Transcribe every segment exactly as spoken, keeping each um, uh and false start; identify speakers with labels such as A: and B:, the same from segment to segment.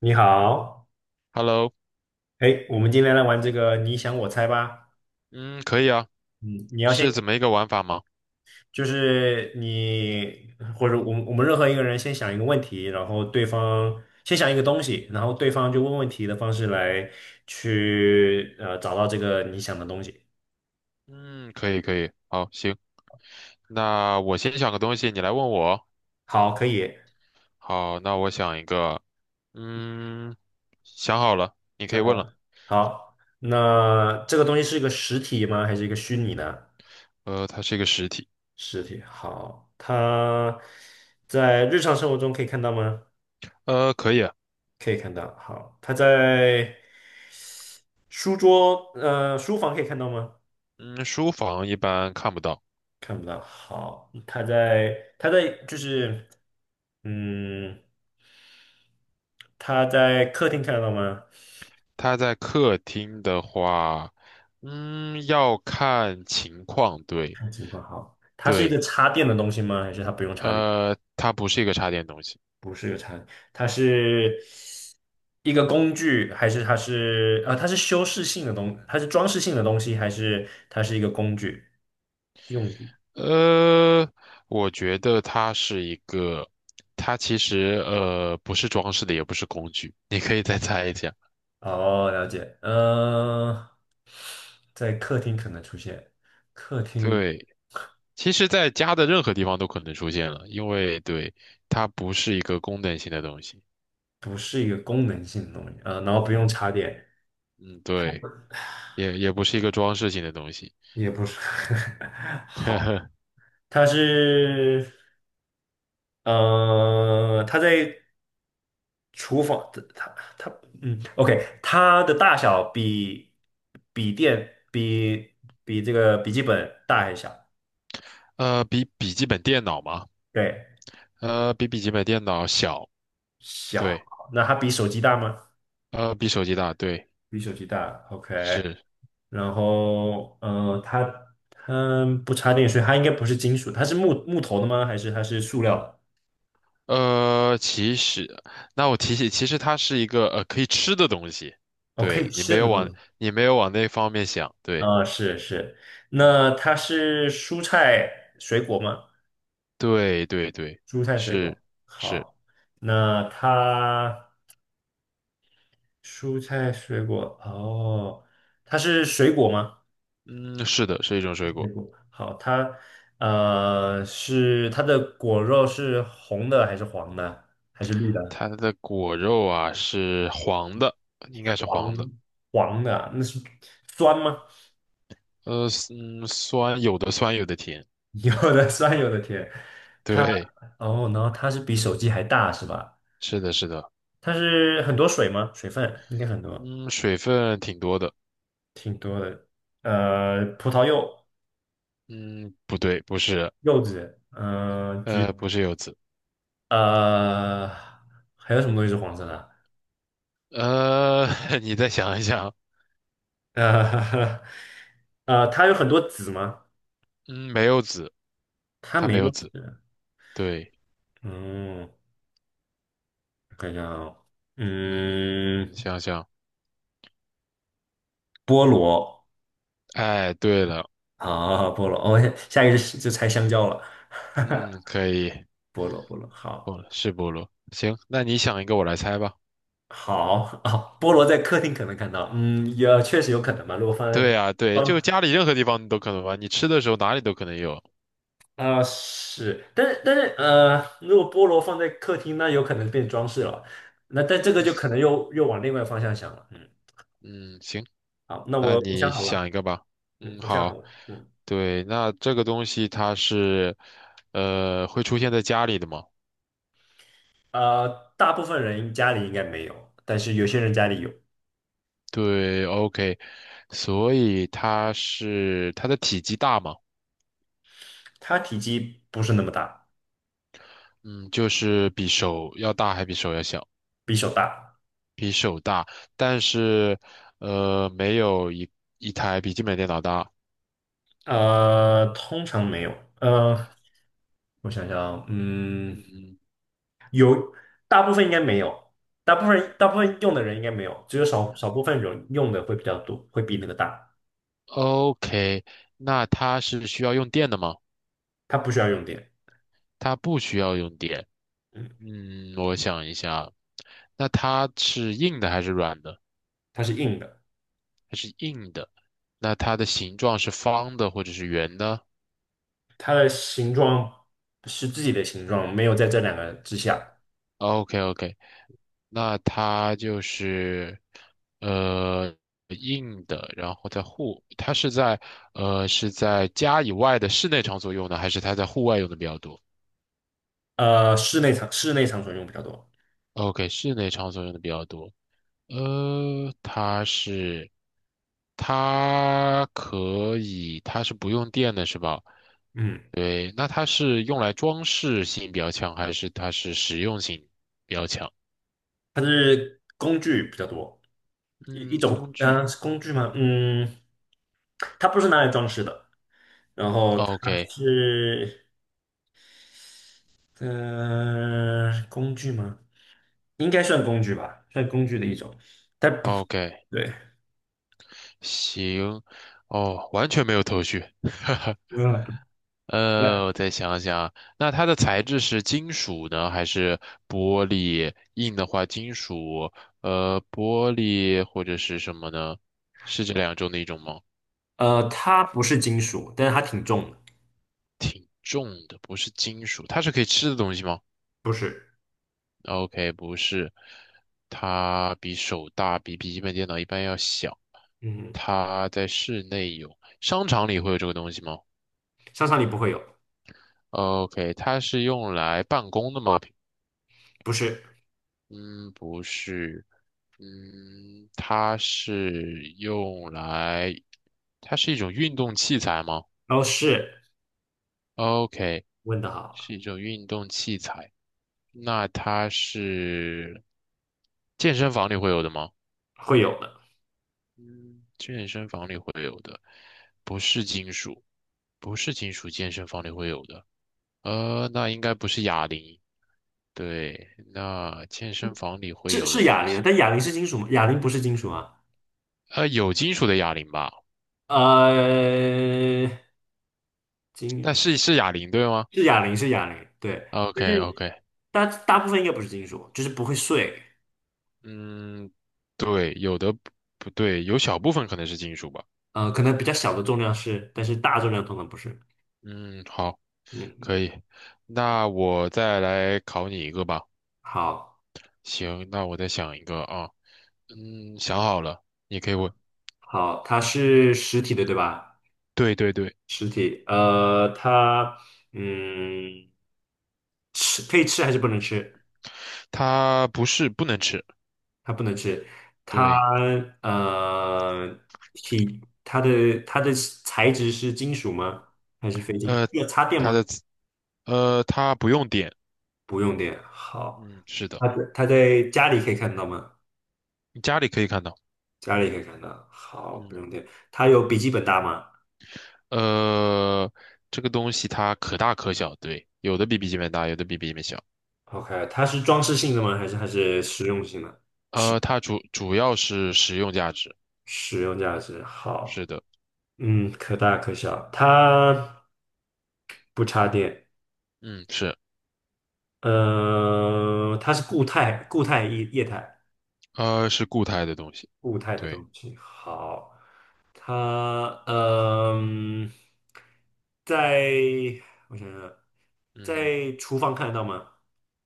A: 你好，
B: Hello，
A: 哎，我们今天来玩这个你想我猜吧。
B: 嗯，可以啊。
A: 嗯，你要先
B: 是怎么一个玩法吗？
A: 就是你或者我们我们任何一个人先想一个问题，然后对方先想一个东西，然后对方就问问题的方式来去呃找到这个你想的东西。
B: 嗯，可以，可以，好，行，那我先想个东西，你来问我。
A: 好，可以，
B: 好，那我想一个，嗯，想好了，你可
A: 想
B: 以
A: 好
B: 问了。
A: 了。好，那这个东西是一个实体吗？还是一个虚拟的
B: 呃，它是一个实体。
A: 实体？好，它在日常生活中可以看到吗？
B: 呃，可以啊。
A: 可以看到。好，它在。书桌，呃，书房可以看到吗？
B: 嗯，书房一般看不到。
A: 看不到。好，他在，他在，就是，嗯，他在客厅看得到吗？
B: 它在客厅的话，嗯，要看情况，对。
A: 看情况好。它是一个
B: 对，
A: 插电的东西吗？还是它不用插电？
B: 呃，它不是一个插电东西。
A: 不是个插电，它是一个工具，还是它是啊？它是修饰性的东，它是装饰性的东西，还是它是一个工具用具？
B: 呃，我觉得它是一个，它其实呃不是装饰的，也不是工具，你可以再猜一下。
A: 哦，了解。呃，在客厅可能出现，客厅
B: 对，其实在家的任何地方都可能出现了，因为对，它不是一个功能性的东西。
A: 不是一个功能性的东西，呃，然后不用
B: 嗯。
A: 插电，
B: 嗯，对，也也不是一个装饰性的东西。
A: 也不是，
B: 呵
A: 好，
B: 呵。
A: 它是，呃，它在厨房，它它，嗯，OK，它的大小比笔电比比这个笔记本大还是小？
B: 呃，比笔记本电脑嘛。
A: 对，
B: 呃，比笔记本电脑小。
A: 小，
B: 对。
A: 那它比手机大吗？
B: 呃，比手机大，对。
A: 比手机大，OK，
B: 是。
A: 然后，呃，它它不插电，所以它应该不是金属，它是木木头的吗？还是它是塑料的？
B: 呃，其实，那我提醒，其实它是一个呃可以吃的东西。
A: 哦，可以
B: 对，你
A: 吃
B: 没有
A: 的东
B: 往
A: 西。
B: 你没有往那方面想，对。
A: 啊，是是，
B: 嗯，
A: 那它是蔬菜水果吗？
B: 对对对。
A: 蔬菜水果，
B: 是是。
A: 好，那它蔬菜水果，哦，它是水果吗？
B: 嗯，是的，是一种水
A: 水
B: 果。
A: 果，好，它呃是它的果肉是红的还是黄的还是绿的？
B: 它的果肉啊是黄的，应该是黄
A: 黄
B: 的。
A: 黄的啊，那是酸吗？
B: 呃，嗯，酸，有的酸，有的甜。
A: 有的酸，有的甜。它
B: 对。
A: 哦，然后它是比手机还大是吧？
B: 是的，是的。
A: 它是很多水吗？水分应该很多。
B: 嗯，水分挺多的。
A: 挺多的，呃，葡萄柚、
B: 嗯，不对，不是。
A: 柚子，嗯，橘，
B: 呃，不是柚子。
A: 呃，还有什么东西是黄色的啊？
B: 呃，你再想一想。
A: 呃，呃，它有很多籽吗？
B: 嗯，没有籽。
A: 它
B: 它
A: 没
B: 没有
A: 有
B: 籽，
A: 籽。
B: 对。
A: 嗯，我看一下啊，
B: 嗯，
A: 嗯，
B: 你想想。
A: 菠萝
B: 哎，对了。
A: 啊，菠萝，哦，下一个就就猜香蕉了。
B: 嗯，可以。
A: 菠萝，菠萝，好，
B: 不是菠萝，行，那你想一个，我来猜吧。
A: 好啊，菠萝在客厅可能看到，嗯，也确实有可能吧。如果放在
B: 对啊，对，就家里任何地方你都可能吧，你吃的时候哪里都可能有。
A: 啊、是，但是但是呃，如果菠萝放在客厅，那有可能变装饰了。那但这个就可能又又往另外方向想了。嗯，
B: 嗯，行，
A: 好，那
B: 那
A: 我我想
B: 你
A: 好
B: 想
A: 了。
B: 一个吧。
A: 嗯，
B: 嗯，
A: 我想好
B: 好。
A: 了。嗯，
B: 对，那这个东西它是，呃，会出现在家里的吗？
A: 呃，大部分人家里应该没有，但是有些人家里有。
B: 对，OK，所以它是它的体积大吗？
A: 它体积不是那么大，
B: 嗯，就是比手要大还比手要小？
A: 比手大。
B: 比手大，但是呃，没有一一台笔记本电脑大。
A: 呃，通常没有。呃，我想想啊嗯，
B: 嗯
A: 大部分应该没有，大部分大部分用的人应该没有，只有少少部分人用的会比较多，会比那个大。
B: ，OK，那它是需要用电的吗？
A: 它不需要用电，
B: 它不需要用电。
A: 嗯，
B: 嗯，我想一下，那它是硬的还是软的？
A: 它是硬的，
B: 它是硬的。那它的形状是方的或者是圆的
A: 它的形状是自己的形状，没有在这两个之下。
B: ？OK，OK，那它就是呃硬的，然后在户，它是在呃是在家以外的室内场所用的，还是它在户外用的比较多
A: 呃，室内场室内场所用比较多，
B: ？OK，室内场所用的比较多。呃，它是它可以，它是不用电的是吧？
A: 嗯，
B: 对，那它是用来装饰性比较强，还是它是实用性？
A: 它是工具比较多，一一
B: 嗯，
A: 种，
B: 工具。
A: 嗯、是工具吗？嗯，它不是拿来装饰的，然后
B: o
A: 它
B: k
A: 是，嗯、呃，工具吗？应该算工具吧，算工具的一种，但不
B: o k
A: 对，
B: 行，哦，完全没有头绪。
A: 嗯，
B: 呃，我再想想，那它的材质是金属呢，还是玻璃？硬的话，金属，呃，玻璃或者是什么呢？是这两种的一种吗？
A: 呃，它不是金属，但是它挺重的，
B: 挺重的，不是金属，它是可以吃的东西吗
A: 不是，
B: ？OK，不是。它比手大，比笔记本电脑一般要小。
A: 嗯。
B: 它在室内有，商场里会有这个东西吗？
A: 商场里不会有，
B: OK，它是用来办公的吗？
A: 不是，
B: 嗯，不是。嗯，它是用来，它是一种运动器材吗
A: 哦，是，
B: ？OK，
A: 问的好，
B: 是一种运动器材。那它是健身房里会有的吗？
A: 会有的，
B: 嗯，健身房里会有的。不是金属，不是金属，健身房里会有的。呃，那应该不是哑铃，对，那健身房里会
A: 是
B: 有的
A: 是哑
B: 东
A: 铃啊，
B: 西。
A: 但哑铃是金属吗？哑铃不是金属啊，
B: 呃，有金属的哑铃吧？
A: 呃，金
B: 但是是哑铃对吗
A: 是哑铃是哑铃，对，
B: ？OK
A: 但是
B: OK。
A: 大大部分应该不是金属，就是不会碎，
B: 嗯，对，有的不不对，有小部分可能是金属吧。
A: 呃，可能比较小的重量是，但是大重量通常不是，
B: 嗯，好，
A: 嗯，
B: 可以。那我再来考你一个吧。
A: 好，
B: 行，那我再想一个啊。嗯，想好了，你可以问。
A: 好，它是实体的对吧？
B: 对对对，
A: 实体，呃，它，嗯，吃可以吃还是不能吃？
B: 它不是不能吃。
A: 它不能吃，它
B: 对，
A: 呃体它的它的材质是金属吗？还是非金属？
B: 呃，
A: 要插电
B: 它
A: 吗？
B: 的呃，它不用点。
A: 不用电。好，
B: 嗯，是的。
A: 它在它在家里可以看到吗？
B: 你家里可以看到。
A: 家里可以看到。好，不
B: 嗯。
A: 用电。它有笔记本大吗
B: 呃，这个东西它可大可小，对，有的比笔记本大，有的比笔记本小。
A: ？OK，它是装饰性的吗？还是还是实用性的？实
B: 呃，它主主要是实用价值。
A: 实用价值。
B: 是
A: 好，
B: 的。
A: 嗯，可大可小。它不插电。
B: 嗯，是。
A: 呃，它是固态、固态液液态。
B: 呃，是固态的东西。
A: 固态的
B: 对。
A: 东西。好，它嗯，在我想想，
B: 嗯，
A: 在厨房看得到吗？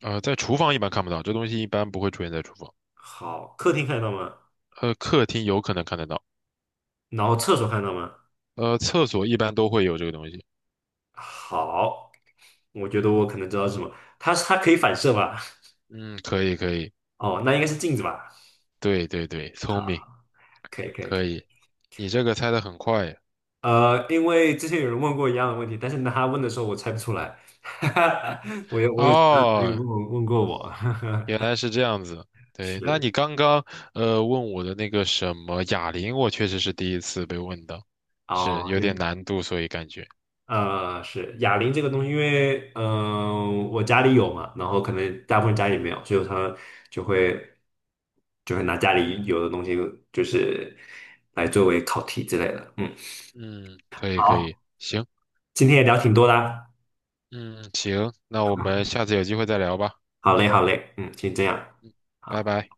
B: 呃，在厨房一般看不到，这东西一般不会出现在厨房。
A: 好，客厅看得到吗？
B: 呃，客厅有可能看得到。
A: 然后厕所看得到吗？
B: 呃，厕所一般都会有这个东西。
A: 好，我觉得我可能知道是什么。它它可以反射吧？
B: 嗯，可以，可以。
A: 哦，那应该是镜子吧？
B: 对对对，聪明。
A: 好，可以可以可
B: 可
A: 以。
B: 以。你这个猜的很快
A: 呃，因为之前有人问过一样的问题，但是呢他问的时候我猜不出来。我有我有其他朋友
B: 哦。
A: 问我问过我，
B: 原来是这样子。对，那
A: 是
B: 你刚刚呃问我的那个什么哑铃，我确实是第一次被问到，是
A: 哦，
B: 有点难度，所以感觉
A: 呃，是哑铃这个东西，因为嗯、呃我家里有嘛，然后可能大部分家里没有，所以他就会就会拿家里有的东西，就是来作为考题之类的。嗯，
B: 嗯，可以可以，
A: 好，
B: 行。
A: 今天也聊挺多的啊，
B: 嗯行，那我们下次有机会再聊吧。
A: 好嘞，好嘞，嗯，先这样，
B: 拜
A: 好，
B: 拜。